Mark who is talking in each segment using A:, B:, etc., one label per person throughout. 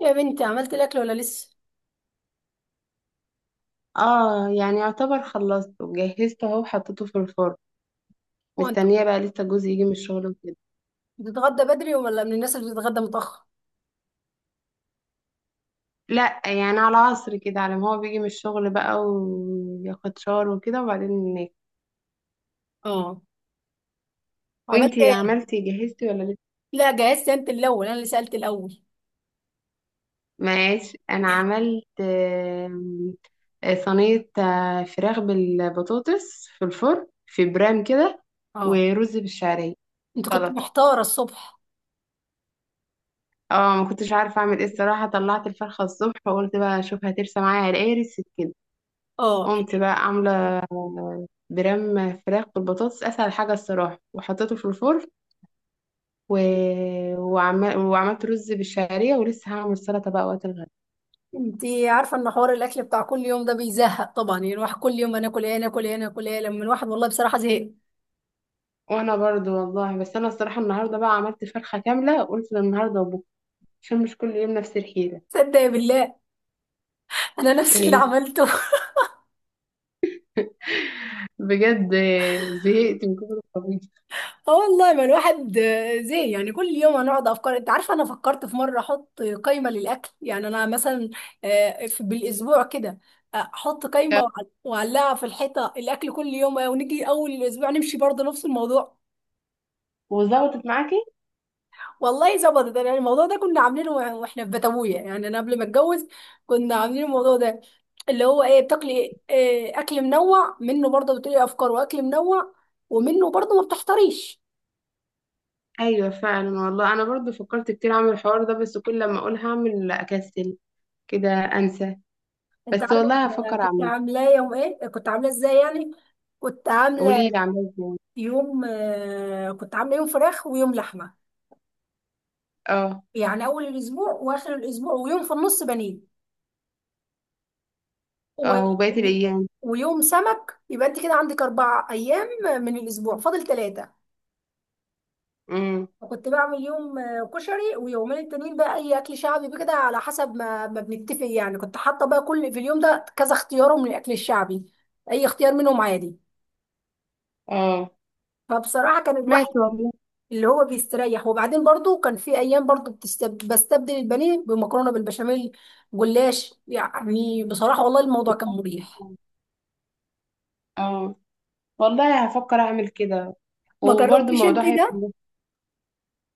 A: يا بنتي، عملت الاكل ولا لسه؟
B: اه، يعني يعتبر خلصته جهزته اهو وحطيته في الفرن.
A: هو انت
B: مستنية بقى لسه جوزي يجي من الشغل وكده.
A: بتتغدى بدري ولا من الناس اللي بتتغدى متاخر؟
B: لا يعني على عصر كده، على ما هو بيجي من الشغل بقى وياخد شاور وكده وبعدين ناكل.
A: اه. عملت
B: وانتي
A: ايه؟
B: عملتي جهزتي ولا لسه؟
A: لا جهزت، انت الاول، انا اللي سالت الاول.
B: ماشي، انا عملت صينية فراخ بالبطاطس في الفرن في برام كده،
A: اه.
B: ورز بالشعرية،
A: انت كنت
B: سلطة.
A: محتاره الصبح.
B: اه ما كنتش عارفة اعمل ايه الصراحة، طلعت الفرخة الصبح وقلت بقى اشوف هترسى معايا على ايه، رسيت كده.
A: اه.
B: قمت بقى عاملة برام فراخ بالبطاطس، أسهل حاجة الصراحة، وحطيته في الفرن و... وعملت رز بالشعرية، ولسه هعمل سلطة بقى وقت الغدا.
A: انت عارفه ان حوار الاكل بتاع كل يوم ده بيزهق طبعا، يعني الواحد كل يوم انا اكل ايه، انا اكل ايه، انا اكل ايه، لما الواحد والله بصراحه زهق.
B: وأنا برضو والله، بس أنا الصراحة النهاردة بقى عملت فرخة كاملة، قلت النهاردة وبكرة عشان مش كل يوم نفس الحيلة.
A: صدق يا بالله، انا نفس اللي
B: إيه.
A: عملته.
B: بجد. زهقت من كتر الطبيخ.
A: اه والله، ما الواحد زي يعني كل يوم هنقعد افكار. انت عارفه انا فكرت في مره احط قائمه للاكل، يعني انا مثلا بالاسبوع كده احط قائمه واعلقها في الحيطه الاكل كل يوم، ونيجي اول الاسبوع نمشي برضه نفس الموضوع.
B: وظبطت معاكي؟
A: والله ظبطت، يعني الموضوع ده كنا عاملينه واحنا في بتويه، يعني انا قبل ما اتجوز كنا عاملين الموضوع ده، اللي هو ايه بتاكلي؟ إيه؟ اكل منوع، منه برضه بتقولي افكار واكل منوع، ومنه برضه ما بتحتريش.
B: ايوه فعلا والله، انا برضو فكرت كتير اعمل الحوار ده، بس كل لما اقول هعمل اكسل كده انسى.
A: انت
B: بس
A: عارفه كنت،
B: والله هفكر
A: كنت
B: اعمله.
A: عاملاه يوم ايه؟ كنت عاملاه ازاي يعني؟ كنت عامله
B: قولي لي عامله ازاي.
A: كنت عامله يوم فراخ، ويوم لحمه،
B: اه.
A: يعني اول الاسبوع واخر الاسبوع، ويوم في النص بانيه، و...
B: اه وبقيت
A: و-
B: الايام.
A: ويوم سمك. يبقى انت كده عندك 4 ايام، من الاسبوع فاضل 3.
B: امم.
A: وكنت بعمل يوم كشري، ويومين التانيين بقى اي اكل شعبي بكده، على حسب ما بنتفق، يعني كنت حاطه بقى كل في اليوم ده كذا اختيار من الاكل الشعبي، اي اختيار منهم عادي.
B: اه.
A: فبصراحه كان الواحد
B: ماشي والله.
A: اللي هو بيستريح، وبعدين برضو كان في ايام برضو بستبدل البانيه بمكرونه بالبشاميل، جلاش، يعني بصراحه والله الموضوع كان مريح.
B: اه والله هفكر اعمل كده،
A: ما
B: وبرضه
A: جربتيش انت
B: الموضوع هيبقى
A: ده؟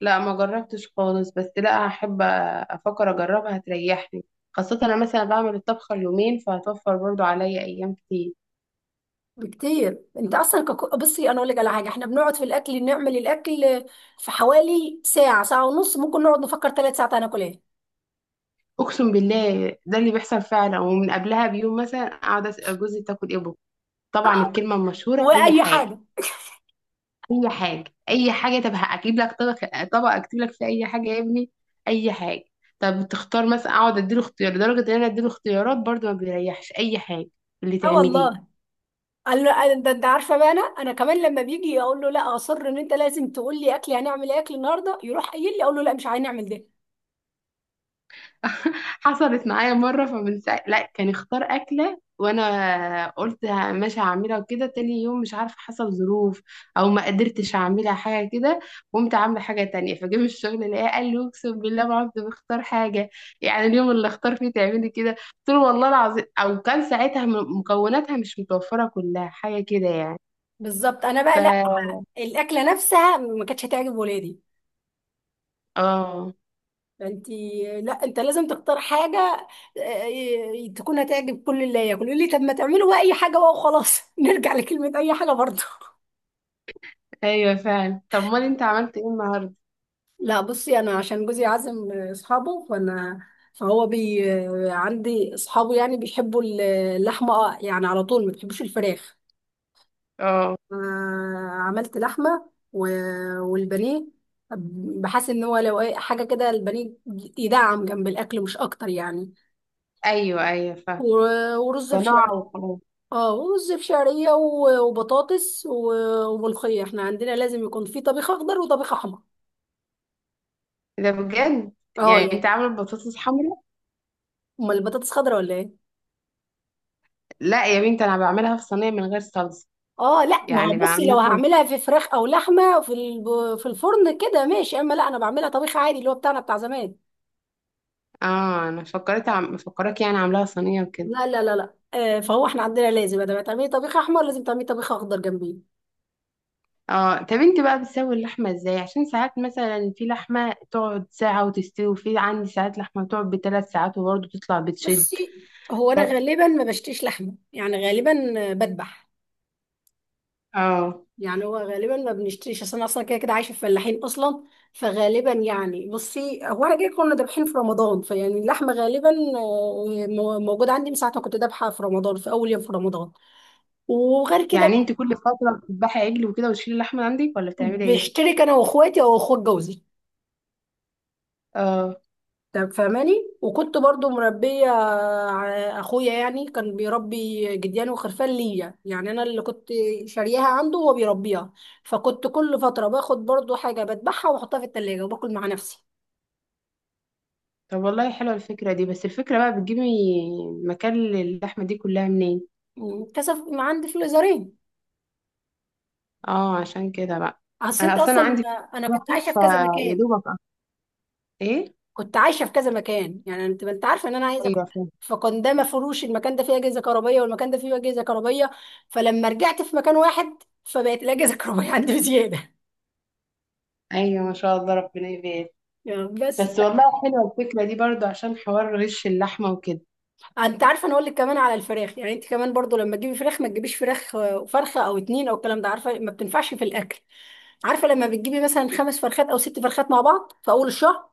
B: لا ما جربتش خالص، بس لا هحب افكر اجربها هتريحني، خاصة انا مثلا بعمل الطبخة اليومين فهتوفر برضو عليا ايام كتير.
A: بكتير، انت اصلا بصي، انا اقول لك على حاجه: احنا بنقعد في الاكل نعمل الاكل في حوالي ساعه، ساعه ونص، ممكن نقعد نفكر 3 ساعات هناكل ايه.
B: اقسم بالله ده اللي بيحصل فعلا، ومن قبلها بيوم مثلا اقعد اسال جوزي، تاكل ايه بكرة؟ طبعا الكلمة المشهورة، اي
A: واي
B: حاجة.
A: حاجه؟
B: اي حاجه. اي حاجه، طب هجيب لك طبق، طبق اكتب لك فيه اي حاجه يا ابني. اي حاجه. طب تختار مثلا، اقعد اديله اختيار، لدرجه ان انا اديله اختيارات برضو ما بيريحش، اي حاجه اللي
A: اه
B: تعمليه.
A: والله. قال له ده انت عارفه بقى، انا كمان لما بيجي اقول له لا، اصر ان انت لازم تقول لي اكل هنعمل ايه، اكل النهارده، يروح قايل لي اقول له لا، مش هنعمل ده.
B: حصلت معايا مرة، فمن ساعة لا كان اختار أكلة، وأنا قلت ماشي هعملها وكده، تاني يوم مش عارفة حصل ظروف أو ما قدرتش أعملها، حاجة كده، قمت عاملة حاجة تانية، فجه من الشغل لقاه قال لي، أقسم بالله ما عدت بختار حاجة، يعني اليوم اللي اختار فيه تعملي كده. قلت له والله العظيم، أو كان ساعتها مكوناتها مش متوفرة كلها، حاجة كده يعني.
A: بالظبط، انا بقى لا،
B: ف
A: الاكله نفسها ما كانتش هتعجب ولادي.
B: اه.
A: انت، لا انت لازم تختار حاجه تكون هتعجب كل اللي ياكل، يقول لي طب ما تعملوا بقى اي حاجه بقى وخلاص. نرجع لكلمه اي حاجه برضه.
B: أيوة فعلا، طب أمال أنت عملت إيه النهاردة؟
A: لا بصي، انا عشان جوزي عازم اصحابه، فانا، فهو بي عندي اصحابه يعني بيحبوا اللحمه، يعني على طول ما بيحبوش الفراخ.
B: اه.
A: عملت لحمه والبانيه. بحس ان هو لو حاجه كده البانيه يدعم جنب الاكل مش اكتر يعني.
B: أيوة أيوة فعلا.
A: ورز
B: ده نوع
A: بشعرية.
B: وخلاص.
A: اه، ورز بشعرية، وبطاطس، وملوخية، احنا عندنا لازم يكون في طبيخ اخضر وطبيخ احمر.
B: ده بجد؟
A: اه
B: يعني انت
A: يعني.
B: عامله البطاطس حمرا؟
A: امال البطاطس خضرا ولا ايه؟
B: لا يا بنتي، انا بعملها في صينيه من غير صلصه،
A: اه لا، ما هو
B: يعني
A: بصي،
B: بعمل
A: لو
B: مثلا.
A: هعملها في فراخ او لحمة في في الفرن كده ماشي، اما لا انا بعملها طبيخ عادي اللي هو بتاعنا بتاع زمان.
B: اه انا فكرت فكرك يعني عاملاها صينيه وكده.
A: لا لا لا لا، فهو احنا عندنا لازم بدل ما تعملي طبيخ احمر لازم تعملي طبيخ اخضر جنبيه.
B: اه طب انت بقى بتسوي اللحمه ازاي؟ عشان ساعات مثلا في لحمه تقعد ساعه وتستوي، وفي عندي ساعات لحمه تقعد ب3 ساعات وبرضه تطلع بتشد.
A: بصي، هو انا غالبا ما بشتريش لحمة يعني، غالبا بذبح،
B: اه
A: يعني هو غالبا ما بنشتريش، اصل انا اصلا كده كده عايشه في فلاحين اصلا، فغالبا يعني بصي هو انا كده كنا ذابحين في رمضان، فيعني اللحمه غالبا موجوده عندي من ساعه ما كنت ذابحه في رمضان، في اول يوم في رمضان، وغير كده
B: يعني
A: بقى
B: انت كل فتره بتذبحي عجل وكده وتشيلي اللحمه من عندك، ولا بتعملي ايه؟
A: بشترك انا واخواتي او اخوات جوزي.
B: اه
A: طب فاهماني. وكنت برضو مربيه اخويا يعني كان بيربي جديان وخرفان ليا، يعني انا اللي كنت شارياها عنده وهو بيربيها، فكنت كل فتره باخد برضو حاجه بذبحها واحطها في التلاجة وباكل مع نفسي.
B: طب والله حلوه الفكره دي، بس الفكره بقى بتجيبي مكان اللحمه دي كلها منين؟
A: كسب عندي في الازارين.
B: اه عشان كده بقى.
A: اصل
B: انا
A: انت
B: اصلا
A: اصلا،
B: عندي
A: انا كنت
B: واحد
A: عايشه في كذا
B: فيا
A: مكان،
B: دوبك أه. ايه؟
A: كنت عايشه في كذا مكان، يعني انت ما انت عارفه ان انا عايزه كنت،
B: ايوه فاهم.
A: فكان ده مفروش، المكان ده فيه اجهزه كهربائيه والمكان ده فيه اجهزه كهربائيه، فلما رجعت في مكان واحد فبقت الاجهزه الكهربائيه عندي بزياده.
B: ايوه ما شاء الله ربنا يبارك.
A: يعني بس.
B: بس والله حلوه الفكره دي برضو عشان حوار غش اللحمه وكده.
A: انت عارفه، انا اقول لك كمان على الفراخ، يعني انت كمان برضو لما تجيبي فراخ، ما تجيبيش فراخ فرخه او اتنين او الكلام ده، عارفه ما بتنفعش في الاكل. عارفه لما بتجيبي مثلا 5 فرخات او 6 فرخات مع بعض في اول الشهر،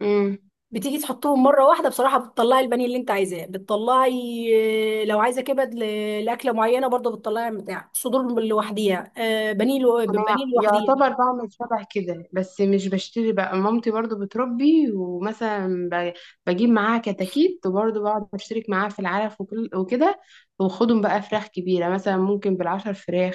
B: امم.
A: بتيجي تحطهم مره واحده، بصراحه بتطلعي البانيه اللي انت عايزاه، بتطلعي لو عايزه كبد لاكله معينه برضه، بتطلعي بتاع صدور لوحديها، بانيه
B: انا
A: بانيه لوحديها.
B: يعتبر بعمل شبه كده، بس مش بشتري بقى، مامتي برضو بتربي ومثلا بجيب معاها كتاكيت، وبرضو بقعد اشترك معاها في العلف وكده. واخدهم بقى فراخ كبيرة مثلا ممكن بال10 فراخ،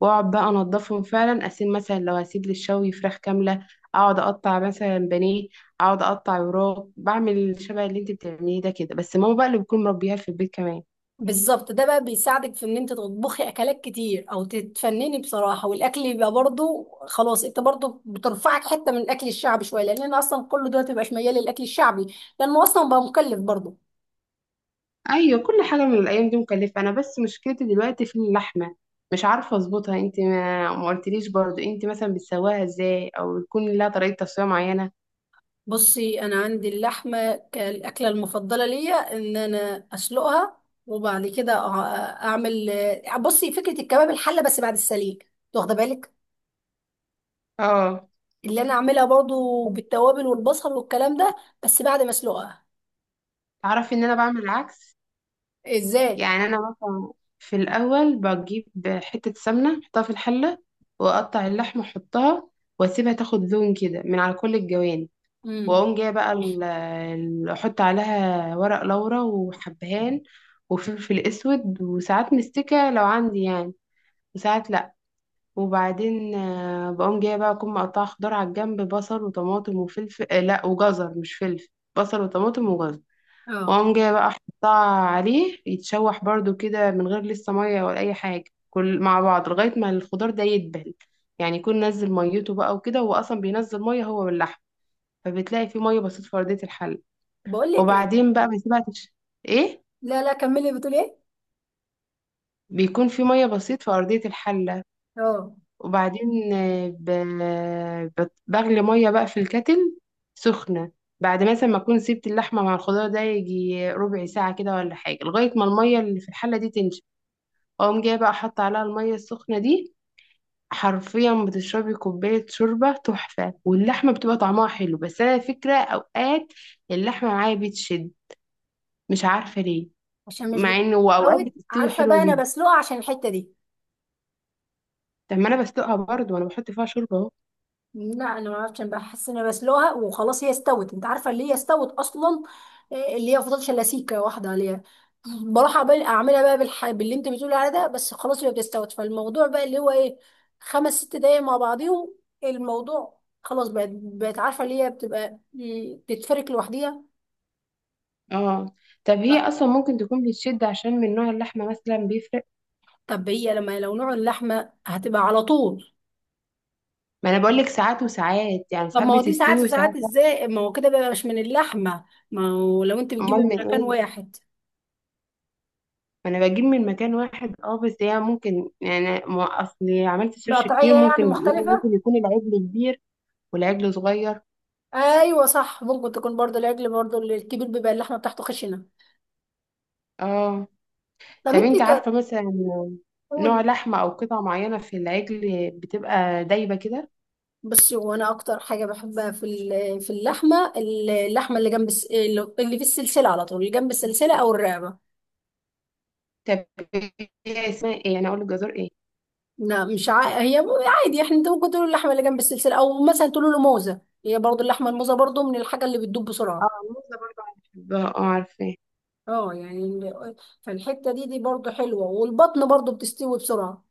B: واقعد بقى انضفهم فعلا، اسيب مثلا لو هسيب للشوي فراخ كاملة، اقعد اقطع مثلا بانيه، اقعد اقطع وراك، بعمل شبه اللي انت بتعمليه ده كده، بس ماما بقى اللي بتكون مربيها في البيت كمان.
A: بالظبط، ده بقى بيساعدك في ان انت تطبخي اكلات كتير او تتفنني بصراحه، والاكل يبقى برضه خلاص، انت برضه بترفعك حته من الاكل الشعبي شويه، لان انا اصلا كل دلوقتي مبقاش ميال للاكل الشعبي، لانه اصلا بقى مكلف برضه.
B: ايوه كل حاجه من الايام دي مكلفه، انا بس مشكلتي دلوقتي في اللحمه، مش عارفه اظبطها. انت ما قلتليش برضو انت مثلا بتسواها ازاي، او يكون لها طريقه تسويه معينه.
A: بصي، انا عندي اللحمه كالاكله المفضله ليا ان انا اسلقها، وبعد كده اعمل، بصي فكره الكباب الحله بس بعد السليق، أنت واخده بالك؟
B: اه
A: اللي انا اعملها برضو بالتوابل والبصل والكلام ده بس بعد ما اسلقها.
B: تعرفي ان انا بعمل العكس.
A: ازاي؟
B: يعني انا مثلا في الاول بجيب حته سمنه احطها في الحله، واقطع اللحمه احطها، واسيبها تاخد لون كده من على كل الجوانب،
A: امم
B: واقوم جايه بقى احط عليها ورق لورا وحبهان وفلفل اسود، وساعات مستكه لو عندي يعني، وساعات لا. وبعدين بقوم جايه بقى اكون مقطعه خضار على الجنب، بصل وطماطم وفلفل، لا وجزر مش فلفل، بصل وطماطم وجزر.
A: اه.
B: واقوم جايه بقى احطها عليه يتشوح برضو كده من غير لسه ميه ولا اي حاجه، كل مع بعض لغايه ما الخضار ده يدبل، يعني يكون نزل ميته بقى وكده، هو اصلا بينزل ميه هو واللحم، فبتلاقي فيه ميه بسيط في ارضيه الحل.
A: بقول لك ايه؟
B: وبعدين بقى بسيبها ايه،
A: لا لا كملي، بتقول ايه؟
B: بيكون في ميه بسيط في ارضيه الحل.
A: اه،
B: وبعدين بغلي ميه بقى في الكتل سخنه، بعد مثلا ما اكون سبت اللحمه مع الخضار ده يجي ربع ساعه كده ولا حاجه، لغايه ما الميه اللي في الحله دي تنشف، اقوم جايه بقى حاطه عليها الميه السخنه دي، حرفيا بتشربي كوبايه شوربه تحفه، واللحمه بتبقى طعمها حلو. بس انا فكره اوقات اللحمه معايا بتشد، مش عارفه ليه،
A: عشان مش
B: مع انه واوقات
A: بتفوت،
B: بتستوي
A: عارفه
B: حلوه
A: بقى انا
B: جدا.
A: بسلقها عشان الحته دي.
B: طب ما انا بسلقها برضه وانا بحط فيها شوربه اهو.
A: لا انا ما اعرفش، انا بحس ان انا بسلقها وخلاص، هي استوت، انت عارفه اللي هي استوت اصلا، اللي هي فضلت لسيكه واحده عليها. بروح اعملها بقى باللي انت بتقولي عليه ده، بس خلاص هي بتستوت، فالموضوع بقى اللي هو ايه؟ خمس ست دقايق مع بعضيهم، الموضوع خلاص، بقت عارفه اللي هي بتبقى، بتتفرك لوحديها.
B: اه طب هي
A: ف-
B: اصلا ممكن تكون بتشد عشان من نوع اللحمه مثلا بيفرق.
A: طب هي لما لو نوع اللحمه هتبقى على طول.
B: ما انا بقول لك ساعات وساعات، يعني
A: طب
B: ساعات
A: ما هو دي
B: بتستوي
A: ساعات وساعات
B: وساعات لا.
A: ازاي، ما هو كده بقى مش من اللحمه، ما هو لو انت بتجيبي
B: امال
A: من
B: من
A: مكان
B: ايه؟
A: واحد،
B: ما انا بجيب من مكان واحد اه، بس هي ممكن، يعني ما اصلي عملت سيرش كتير،
A: القطعيه يعني
B: ممكن بيقول
A: مختلفه.
B: ممكن يكون العجل كبير والعجل صغير.
A: ايوه صح، ممكن تكون برضه العجل برضه الكبير بيبقى اللحمه بتاعته خشنه.
B: اه
A: طب
B: طب
A: انت
B: انت عارفه مثلا نوع
A: قولي.
B: لحمه او قطعه معينه في العجل بتبقى دايبه كده؟
A: بصي، وانا اكتر حاجه بحبها في اللحمه اللي جنب اللي في السلسله على طول، اللي جنب السلسله او الرقبه.
B: طب هي اسمها ايه، انا اقول لك جزر ايه؟
A: لا مش هي عادي احنا، انت ممكن تقولوا اللحمه اللي جنب السلسله، او مثلا تقولوا له موزه، هي برضه اللحمه الموزه برضه من الحاجه اللي بتدوب
B: اه،
A: بسرعه.
B: الموزه برضه انا بحبها، اه عارفه.
A: اه، يعني فالحته دي برضه حلوه، والبطن برضه بتستوي بسرعه.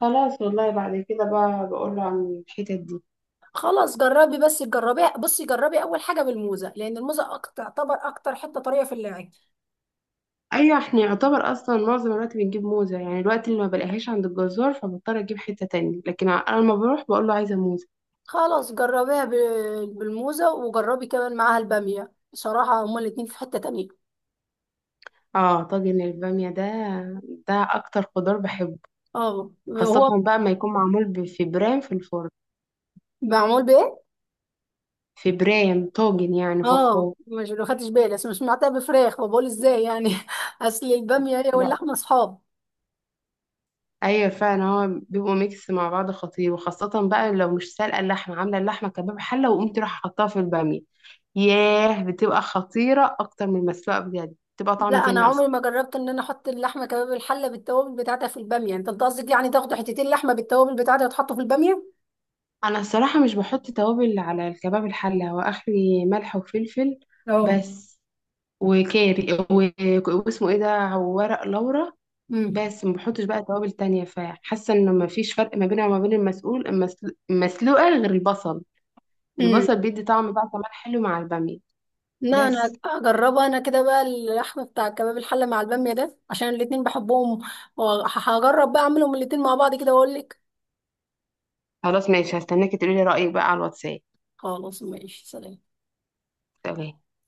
B: خلاص والله، بعد كده بقى بقول له عن الحتت دي.
A: خلاص، جربي، بس جربي اول حاجه بالموزه، لان الموزه أكتر، تعتبر اكتر حته طريه في اللعب.
B: ايوه احنا يعتبر اصلا معظم الوقت بنجيب موزه، يعني الوقت اللي ما بلاقيهاش عند الجزار فبضطر اجيب حته تانية، لكن انا لما بروح بقول له عايزه موزه.
A: خلاص، جربيها بالموزه، وجربي كمان معاها الباميه، بصراحه هما الاتنين في حته تانية.
B: اه طاجن الباميه ده، ده اكتر خضار بحبه،
A: اه،
B: خاصه
A: هو
B: بقى ما يكون معمول في برام في الفرن.
A: معمول بايه؟
B: في برام طاجن، يعني
A: اه،
B: فخار.
A: مش ما خدتش بالي، بس مش سمعتها بفراخ، فبقول ازاي يعني. اصل الباميه هي واللحمه اصحاب.
B: ايوه فعلا، هو بيبقوا ميكس مع بعض خطير، وخاصة بقى لو مش سالقة اللحمة، عاملة اللحمة كباب حلة وقمت رايحة حطها في البامية، ياه بتبقى خطيرة اكتر من المسلوقة بجد، بتبقى
A: لا
B: طعم
A: انا
B: تاني
A: عمري
B: اصلا.
A: ما جربت ان انا احط اللحمه كباب الحله بالتوابل بتاعتها في الباميه، انت قصدك يعني تاخدوا حتتين لحمه بالتوابل بتاعتها وتحطوا في الباميه؟
B: انا الصراحة مش بحط توابل على الكباب الحلة، هو اخري ملح وفلفل
A: اه.
B: بس، وكاري واسمه ايه ده، وورق لورا بس، ما بحطش بقى توابل تانية، فحاسة انه ما فيش فرق ما بينها وما بين المسؤول المسلوقة غير البصل،
A: امم
B: البصل بيدي طعم بقى كمان حلو مع البامية.
A: لا
B: بس
A: انا هجربها، انا كده بقى اللحم بتاع كباب الحله مع الباميه ده عشان الاتنين بحبهم، وهجرب بقى اعملهم الاتنين مع بعض كده واقول لك.
B: خلاص ماشي، هستناكي تقولي لي رأيك بقى على الواتساب.
A: خلاص ماشي، سلام.
B: سلام.